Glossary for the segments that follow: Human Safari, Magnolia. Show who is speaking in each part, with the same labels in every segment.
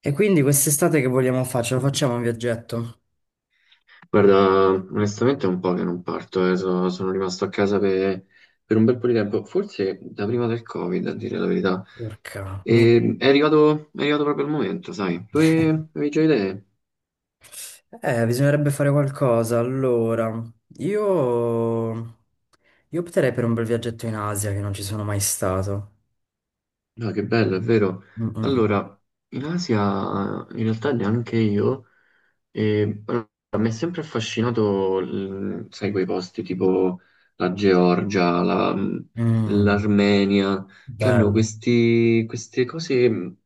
Speaker 1: E quindi quest'estate che vogliamo fare? Ce lo facciamo un viaggetto?
Speaker 2: Guarda, onestamente è un po' che non parto, sono rimasto a casa per un bel po' di tempo, forse da prima del Covid, a dire la verità.
Speaker 1: Porca, no.
Speaker 2: È arrivato proprio il momento, sai? Tu avevi già idee?
Speaker 1: Bisognerebbe fare qualcosa. Allora, io... io opterei per un bel viaggetto in Asia che non ci sono mai stato.
Speaker 2: No, che bello, è vero.
Speaker 1: Mm, mm, mm.
Speaker 2: Allora, in Asia, in realtà neanche io. E allora, mi è sempre affascinato, sai, quei posti tipo la Georgia,
Speaker 1: Mm,
Speaker 2: l'Armenia, che hanno
Speaker 1: bello.
Speaker 2: queste cose,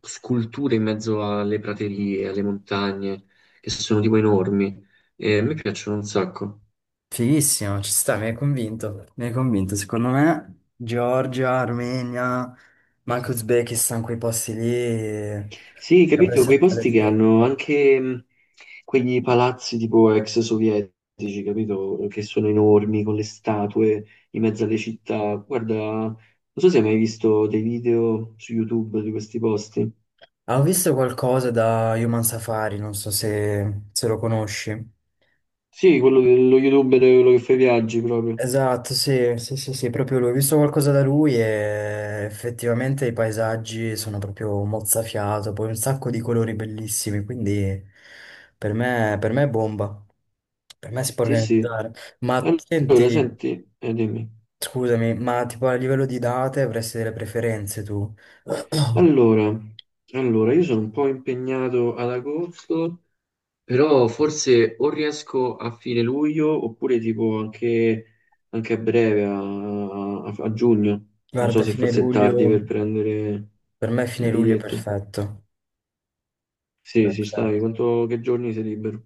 Speaker 2: sculture in mezzo alle praterie, alle montagne, che sono tipo enormi. E a me piacciono un sacco.
Speaker 1: Fighissimo, ci sta, mi hai convinto. Mi hai convinto. Secondo me, Georgia, Armenia, ma anche Uzbekistan, quei posti lì,
Speaker 2: Sì,
Speaker 1: dovrebbe
Speaker 2: capito, quei
Speaker 1: essere.
Speaker 2: posti che hanno anche quegli palazzi tipo ex sovietici, capito, che sono enormi con le statue in mezzo alle città. Guarda, non so se hai mai visto dei video su YouTube di questi posti.
Speaker 1: Ah, ho visto qualcosa da Human Safari, non so se, se lo conosci.
Speaker 2: Sì, quello dello youtuber, quello che fa i viaggi proprio.
Speaker 1: Esatto, sì, sì, sì, sì, proprio lui. Ho visto qualcosa da lui e effettivamente i paesaggi sono proprio mozzafiato, poi un sacco di colori bellissimi, quindi per me è bomba. Per me si può
Speaker 2: Sì, sì.
Speaker 1: organizzare. Ma
Speaker 2: Allora,
Speaker 1: senti,
Speaker 2: senti, dimmi.
Speaker 1: scusami, ma tipo a livello di date avresti delle preferenze tu?
Speaker 2: Allora, allora, io sono un po' impegnato ad agosto. Però forse o riesco a fine luglio oppure tipo anche, anche a breve, a, a giugno. Non so
Speaker 1: Guarda,
Speaker 2: se
Speaker 1: fine
Speaker 2: forse è
Speaker 1: luglio,
Speaker 2: tardi per prendere
Speaker 1: per me
Speaker 2: i
Speaker 1: fine luglio è
Speaker 2: biglietti.
Speaker 1: perfetto.
Speaker 2: Sì, sì,
Speaker 1: Perfetto.
Speaker 2: stai. Quanto, che giorni sei libero?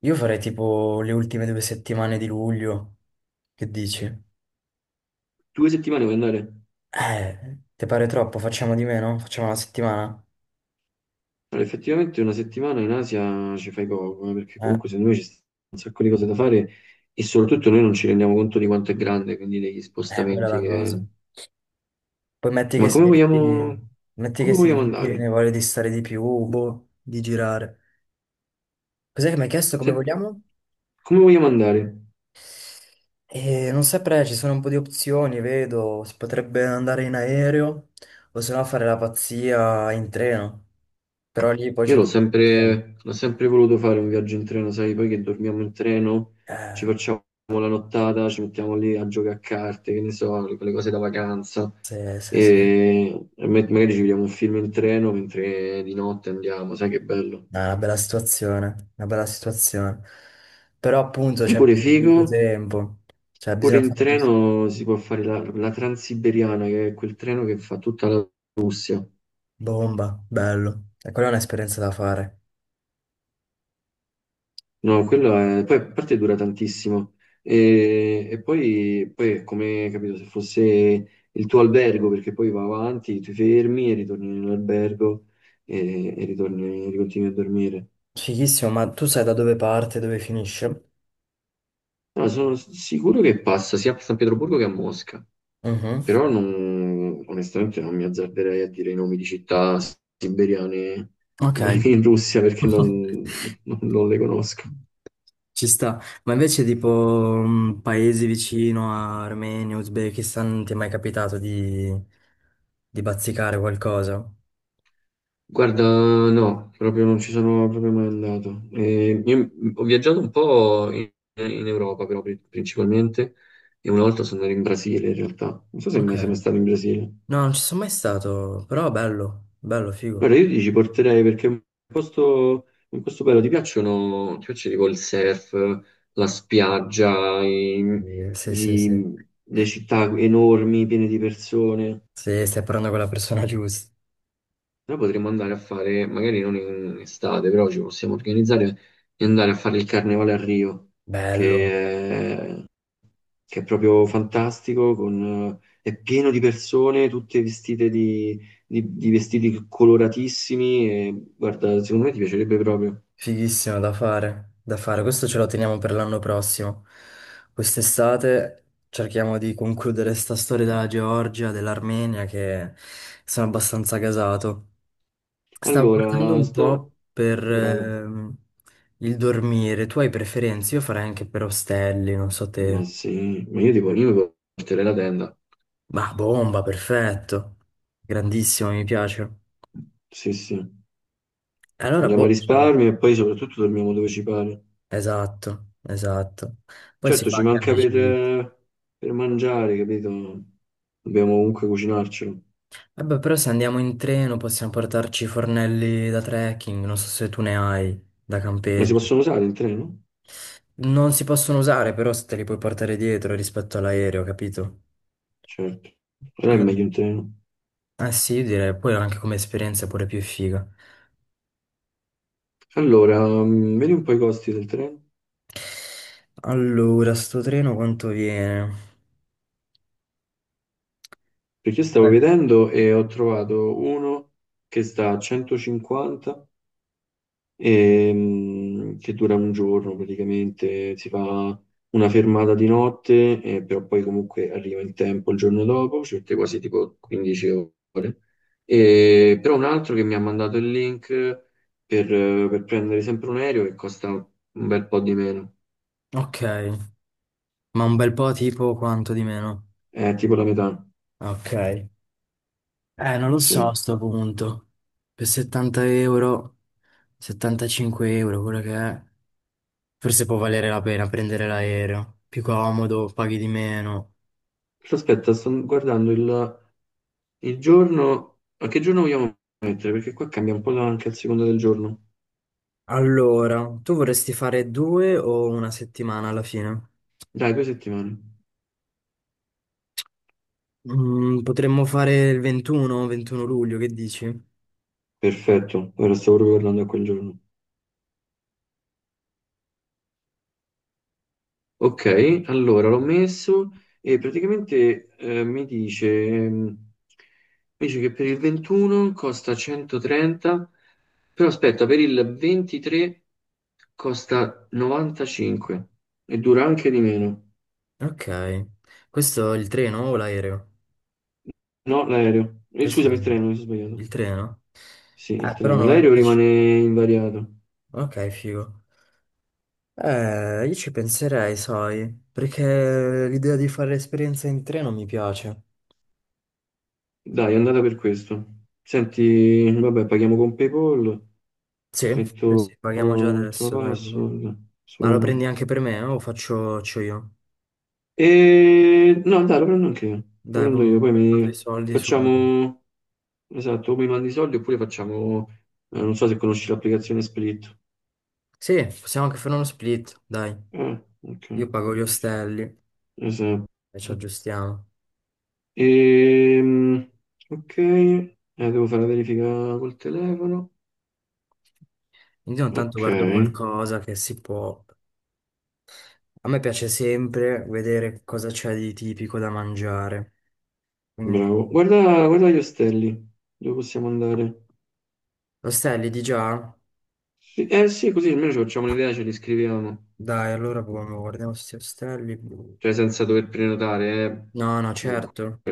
Speaker 1: Io farei tipo le ultime due settimane di luglio. Che dici?
Speaker 2: Due settimane puoi andare?
Speaker 1: Ti pare troppo? Facciamo di meno? Facciamo una settimana?
Speaker 2: Allora, effettivamente una settimana in Asia ci fai poco, perché
Speaker 1: Eh,
Speaker 2: comunque secondo me ci stanno un sacco di cose da fare e soprattutto noi non ci rendiamo conto di quanto è grande, quindi degli
Speaker 1: quella è
Speaker 2: spostamenti
Speaker 1: la cosa.
Speaker 2: che...
Speaker 1: Poi metti che
Speaker 2: Ma come
Speaker 1: sei lì,
Speaker 2: vogliamo, come vogliamo
Speaker 1: ti viene
Speaker 2: andare?
Speaker 1: voglia di stare di più, boh, di girare. Cos'è che mi hai chiesto come
Speaker 2: Se-
Speaker 1: vogliamo?
Speaker 2: come vogliamo andare?
Speaker 1: Non saprei, ci sono un po' di opzioni, vedo, si potrebbe andare in aereo o se no fare la pazzia in treno, però lì poi c'è bisogno di tempo.
Speaker 2: L'ho sempre voluto fare un viaggio in treno, sai, poi che dormiamo in treno,
Speaker 1: Eh,
Speaker 2: ci facciamo la nottata, ci mettiamo lì a giocare a carte, che ne so, quelle cose da vacanza,
Speaker 1: sì, sì, sì.
Speaker 2: e, magari ci vediamo un film in treno mentre di notte andiamo, sai che bello.
Speaker 1: È una bella situazione, una bella situazione. Però appunto
Speaker 2: Sai
Speaker 1: c'è
Speaker 2: pure
Speaker 1: bisogno di
Speaker 2: figo?
Speaker 1: più tempo, cioè
Speaker 2: Pure
Speaker 1: bisogna
Speaker 2: in
Speaker 1: fare due-
Speaker 2: treno si può fare la Transiberiana, che è quel treno che fa tutta la Russia.
Speaker 1: bomba, bello. E quella è un'esperienza da fare.
Speaker 2: No, quello è... Poi, a parte dura tantissimo e poi, poi è come, capito, se fosse il tuo albergo, perché poi va avanti, ti fermi e ritorni nell'albergo e ritorni, ricontinui a dormire.
Speaker 1: Fighissimo, ma tu sai da dove parte, dove finisce?
Speaker 2: No, sono sicuro che passa sia a San Pietroburgo che a Mosca,
Speaker 1: Mhm.
Speaker 2: però onestamente non mi azzarderei a dire i nomi di città siberiane
Speaker 1: Ok.
Speaker 2: in Russia perché non le conosco.
Speaker 1: Ci sta. Ma invece tipo paesi vicino a Armenia, Uzbekistan, non ti è mai capitato di bazzicare qualcosa?
Speaker 2: Guarda, no, proprio non ci sono proprio mai andato. Io ho viaggiato un po' in, in Europa, però principalmente, e una volta sono andato in Brasile in realtà. Non so se
Speaker 1: Ok.
Speaker 2: mai sei mai stato in Brasile.
Speaker 1: No, non ci sono mai stato, però bello, bello, figo.
Speaker 2: Guarda, io ti ci porterei perché è un posto bello. Ti piacciono, ti piace tipo il surf, la spiaggia,
Speaker 1: Sì, sì, sì.
Speaker 2: le città enormi, piene di persone.
Speaker 1: Sì, stai parlando con la persona giusta.
Speaker 2: Però potremmo andare a fare, magari non in estate, però ci possiamo organizzare e andare a fare il carnevale a Rio,
Speaker 1: Bello,
Speaker 2: che è, che è proprio fantastico, con, è pieno di persone, tutte vestite di, di vestiti coloratissimi e guarda, secondo me ti piacerebbe proprio.
Speaker 1: fighissimo da fare, da fare. Questo ce lo teniamo per l'anno prossimo. Quest'estate cerchiamo di concludere sta storia della Georgia, dell'Armenia, che sono abbastanza gasato. Stavo guardando
Speaker 2: Allora,
Speaker 1: un
Speaker 2: sto...
Speaker 1: po' per
Speaker 2: Bravo.
Speaker 1: il dormire. Tu hai preferenze? Io farei anche per ostelli, non so
Speaker 2: Ma
Speaker 1: te.
Speaker 2: sì, ma io tipo, io mi porterei la tenda.
Speaker 1: Ma bomba, perfetto. Grandissimo, mi piace.
Speaker 2: Sì, sì.
Speaker 1: Allora,
Speaker 2: Andiamo a
Speaker 1: boh. Cioè,
Speaker 2: risparmio e poi soprattutto dormiamo dove ci pare.
Speaker 1: esatto, esatto. Poi si
Speaker 2: Certo,
Speaker 1: fa
Speaker 2: ci
Speaker 1: anche
Speaker 2: manca
Speaker 1: amicizia.
Speaker 2: per mangiare, capito? Dobbiamo comunque cucinarcelo.
Speaker 1: Vabbè, però se andiamo in treno possiamo portarci i fornelli da trekking, non so se tu ne hai, da
Speaker 2: Ma si
Speaker 1: campeggio.
Speaker 2: possono usare in treno?
Speaker 1: Non si possono usare, però se te li puoi portare dietro rispetto all'aereo, capito?
Speaker 2: Certo, non è
Speaker 1: Quindi,
Speaker 2: meglio in treno.
Speaker 1: eh sì, direi, poi anche come esperienza è pure più figa.
Speaker 2: Allora, vedi un po' i costi del treno?
Speaker 1: Allora, sto treno quanto viene?
Speaker 2: Perché io stavo
Speaker 1: Beh,
Speaker 2: vedendo e ho trovato uno che sta a 150 che dura un giorno praticamente, si fa una fermata di notte, però poi comunque arriva in tempo il giorno dopo, ci mette quasi tipo 15 ore. E, però un altro che mi ha mandato il link per prendere sempre un aereo che costa un bel po' di meno,
Speaker 1: ok, ma un bel po' tipo quanto di meno?
Speaker 2: è tipo la metà,
Speaker 1: Ok. Non lo so
Speaker 2: sì.
Speaker 1: a sto punto. Per 70 euro, 75 euro, quello che è. Forse può valere la pena prendere l'aereo. Più comodo, paghi di meno.
Speaker 2: Però aspetta, sto guardando il giorno, a che giorno vogliamo mettere? Perché qua cambia un po' anche a seconda del giorno.
Speaker 1: Allora, tu vorresti fare due o una settimana alla fine?
Speaker 2: Dai, due settimane.
Speaker 1: Potremmo fare il 21, 21 luglio, che dici?
Speaker 2: Perfetto, ora stavo proprio parlando a quel giorno. Ok, allora l'ho messo e praticamente mi dice, mi dice che per il 21 costa 130, però aspetta, per il 23 costa 95 e dura anche di meno.
Speaker 1: Ok, questo è il treno o l'aereo?
Speaker 2: No, l'aereo.
Speaker 1: Questo
Speaker 2: Scusami, il
Speaker 1: è
Speaker 2: treno, mi sono sbagliato.
Speaker 1: il treno?
Speaker 2: Sì, il
Speaker 1: Però no,
Speaker 2: treno. L'aereo
Speaker 1: 95.
Speaker 2: rimane invariato.
Speaker 1: Ok, figo. Io ci penserei, sai, perché l'idea di fare esperienza in treno mi piace.
Speaker 2: Dai, è andata per questo. Senti, vabbè, paghiamo con PayPal.
Speaker 1: Sì, sì, sì,
Speaker 2: Metto
Speaker 1: paghiamo già
Speaker 2: metto la
Speaker 1: adesso, dai, boom.
Speaker 2: password.
Speaker 1: Ma lo
Speaker 2: Sumi.
Speaker 1: prendi anche per me o faccio io?
Speaker 2: E no, dai, lo prendo anche io. Lo
Speaker 1: Dai,
Speaker 2: prendo
Speaker 1: boom,
Speaker 2: io, poi
Speaker 1: mando i
Speaker 2: mi
Speaker 1: soldi su.
Speaker 2: facciamo esatto, o mi mandi i soldi oppure facciamo non so se conosci l'applicazione Split.
Speaker 1: Sì, possiamo anche fare uno split, dai.
Speaker 2: Ok.
Speaker 1: Io pago gli ostelli
Speaker 2: Esatto.
Speaker 1: e ci aggiustiamo.
Speaker 2: Ehm, ok, devo fare la verifica col telefono.
Speaker 1: Quindi ogni tanto
Speaker 2: Ok,
Speaker 1: guardo qualcosa che si può. A me piace sempre vedere cosa c'è di tipico da mangiare. Quindi,
Speaker 2: bravo. Guarda, guarda gli ostelli, dove possiamo andare?
Speaker 1: ostelli di già?
Speaker 2: Sì, eh sì, così almeno ci facciamo un'idea, ce li scriviamo.
Speaker 1: Dai, allora proviamo, guardiamo questi ostelli blu.
Speaker 2: Cioè senza dover prenotare,
Speaker 1: No, no,
Speaker 2: comunque,
Speaker 1: certo.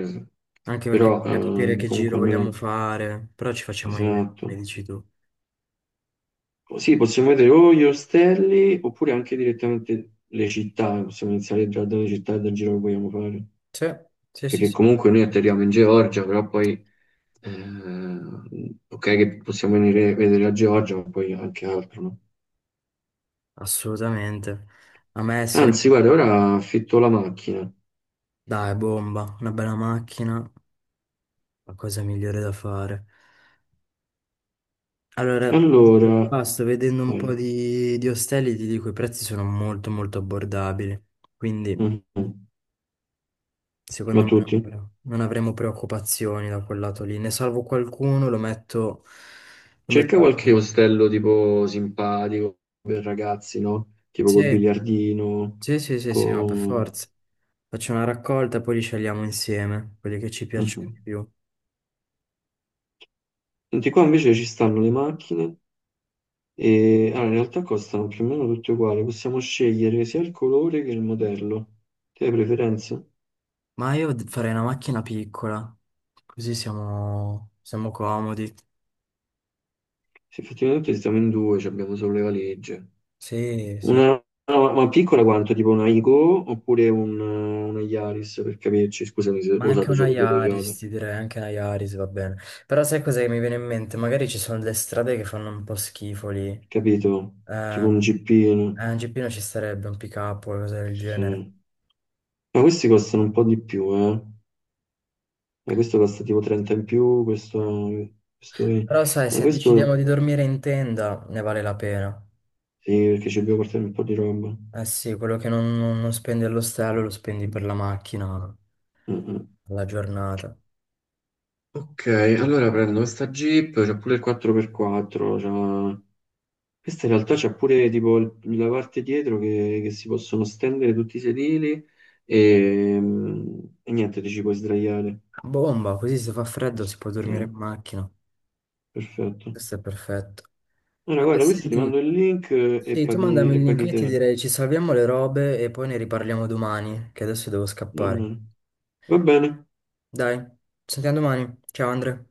Speaker 1: Anche perché
Speaker 2: però
Speaker 1: bisogna capire che giro
Speaker 2: comunque
Speaker 1: vogliamo
Speaker 2: almeno,
Speaker 1: fare. Però ci facciamo un'idea, come
Speaker 2: esatto.
Speaker 1: dici tu.
Speaker 2: Sì, possiamo vedere o gli ostelli oppure anche direttamente le città, possiamo iniziare già dalle città e dal giro che vogliamo fare,
Speaker 1: Sì, sì, sì,
Speaker 2: perché
Speaker 1: sì.
Speaker 2: comunque noi atterriamo in Georgia, però poi, ok che possiamo venire a vedere la Georgia, ma poi anche altro, no?
Speaker 1: Assolutamente. A me essere,
Speaker 2: Anzi, guarda, ora affitto la macchina.
Speaker 1: dai, bomba, una bella macchina, la cosa migliore da fare. Allora,
Speaker 2: Allora,
Speaker 1: qua sto vedendo un
Speaker 2: vai.
Speaker 1: po' di ostelli, ti dico, i prezzi sono molto molto abbordabili. Quindi,
Speaker 2: Mhm.
Speaker 1: secondo
Speaker 2: Ma
Speaker 1: me
Speaker 2: tutti?
Speaker 1: non avremo preoccupazioni da quel lato lì. Ne salvo qualcuno, lo metto... Lo
Speaker 2: Cerca
Speaker 1: metto...
Speaker 2: qualche
Speaker 1: a-
Speaker 2: ostello tipo simpatico per ragazzi, no? Tipo col
Speaker 1: Sì,
Speaker 2: biliardino,
Speaker 1: sì, sì, sì, sì, no, per
Speaker 2: con...
Speaker 1: forza. Faccio una raccolta e poi li scegliamo insieme, quelli che ci piacciono
Speaker 2: Mhm.
Speaker 1: di più.
Speaker 2: Senti, qua invece ci stanno le macchine e allora, in realtà costano più o meno tutte uguali, possiamo scegliere sia il colore che il modello. Te hai preferenze?
Speaker 1: Ma io farei una macchina piccola, così siamo comodi.
Speaker 2: Se effettivamente stiamo in due, ci abbiamo solo le valigie.
Speaker 1: Sì, sì.
Speaker 2: Una, no, ma piccola quanto? Tipo una Igo oppure una Yaris, per capirci, scusami se
Speaker 1: Ma
Speaker 2: ho
Speaker 1: anche
Speaker 2: usato
Speaker 1: una
Speaker 2: solo due Toyota,
Speaker 1: Yaris, ti direi, anche una Yaris va bene. Però sai cos'è che mi viene in mente? Magari ci sono delle strade che fanno un po' schifo lì.
Speaker 2: capito? Tipo
Speaker 1: Eh,
Speaker 2: un Jeepino.
Speaker 1: Un GP non ci sarebbe un pick up o cose del genere.
Speaker 2: Sì. Ma questi costano un po' di più, eh. E questo costa tipo 30 in più,
Speaker 1: Ah.
Speaker 2: questo... Questo, è-
Speaker 1: Però sai,
Speaker 2: ma
Speaker 1: se decidiamo di
Speaker 2: questo
Speaker 1: dormire in tenda, ne vale la pena.
Speaker 2: sì, perché ci dobbiamo portare un po' di roba.
Speaker 1: Eh sì, quello che non, non spendi all'ostello lo spendi per la macchina,
Speaker 2: Mm, mm.
Speaker 1: alla giornata.
Speaker 2: Ok, allora prendo questa Jeep. C'è pure il 4x4, c'ha- questa in realtà c'è pure tipo la parte dietro che si possono stendere tutti i sedili e, mm, e niente, ti ci puoi sdraiare.
Speaker 1: Bomba, così se fa freddo si può
Speaker 2: Sì,
Speaker 1: dormire in macchina.
Speaker 2: perfetto.
Speaker 1: Questo è perfetto.
Speaker 2: Allora,
Speaker 1: Ah beh,
Speaker 2: guarda, questo ti mando
Speaker 1: senti,
Speaker 2: il link
Speaker 1: sì, tu mandami
Speaker 2: e
Speaker 1: il link,
Speaker 2: paghi
Speaker 1: io ti
Speaker 2: te.
Speaker 1: direi ci salviamo le robe e poi ne riparliamo domani, che adesso devo
Speaker 2: Va bene.
Speaker 1: scappare.
Speaker 2: Va bene.
Speaker 1: Dai, ci sentiamo domani. Ciao Andre.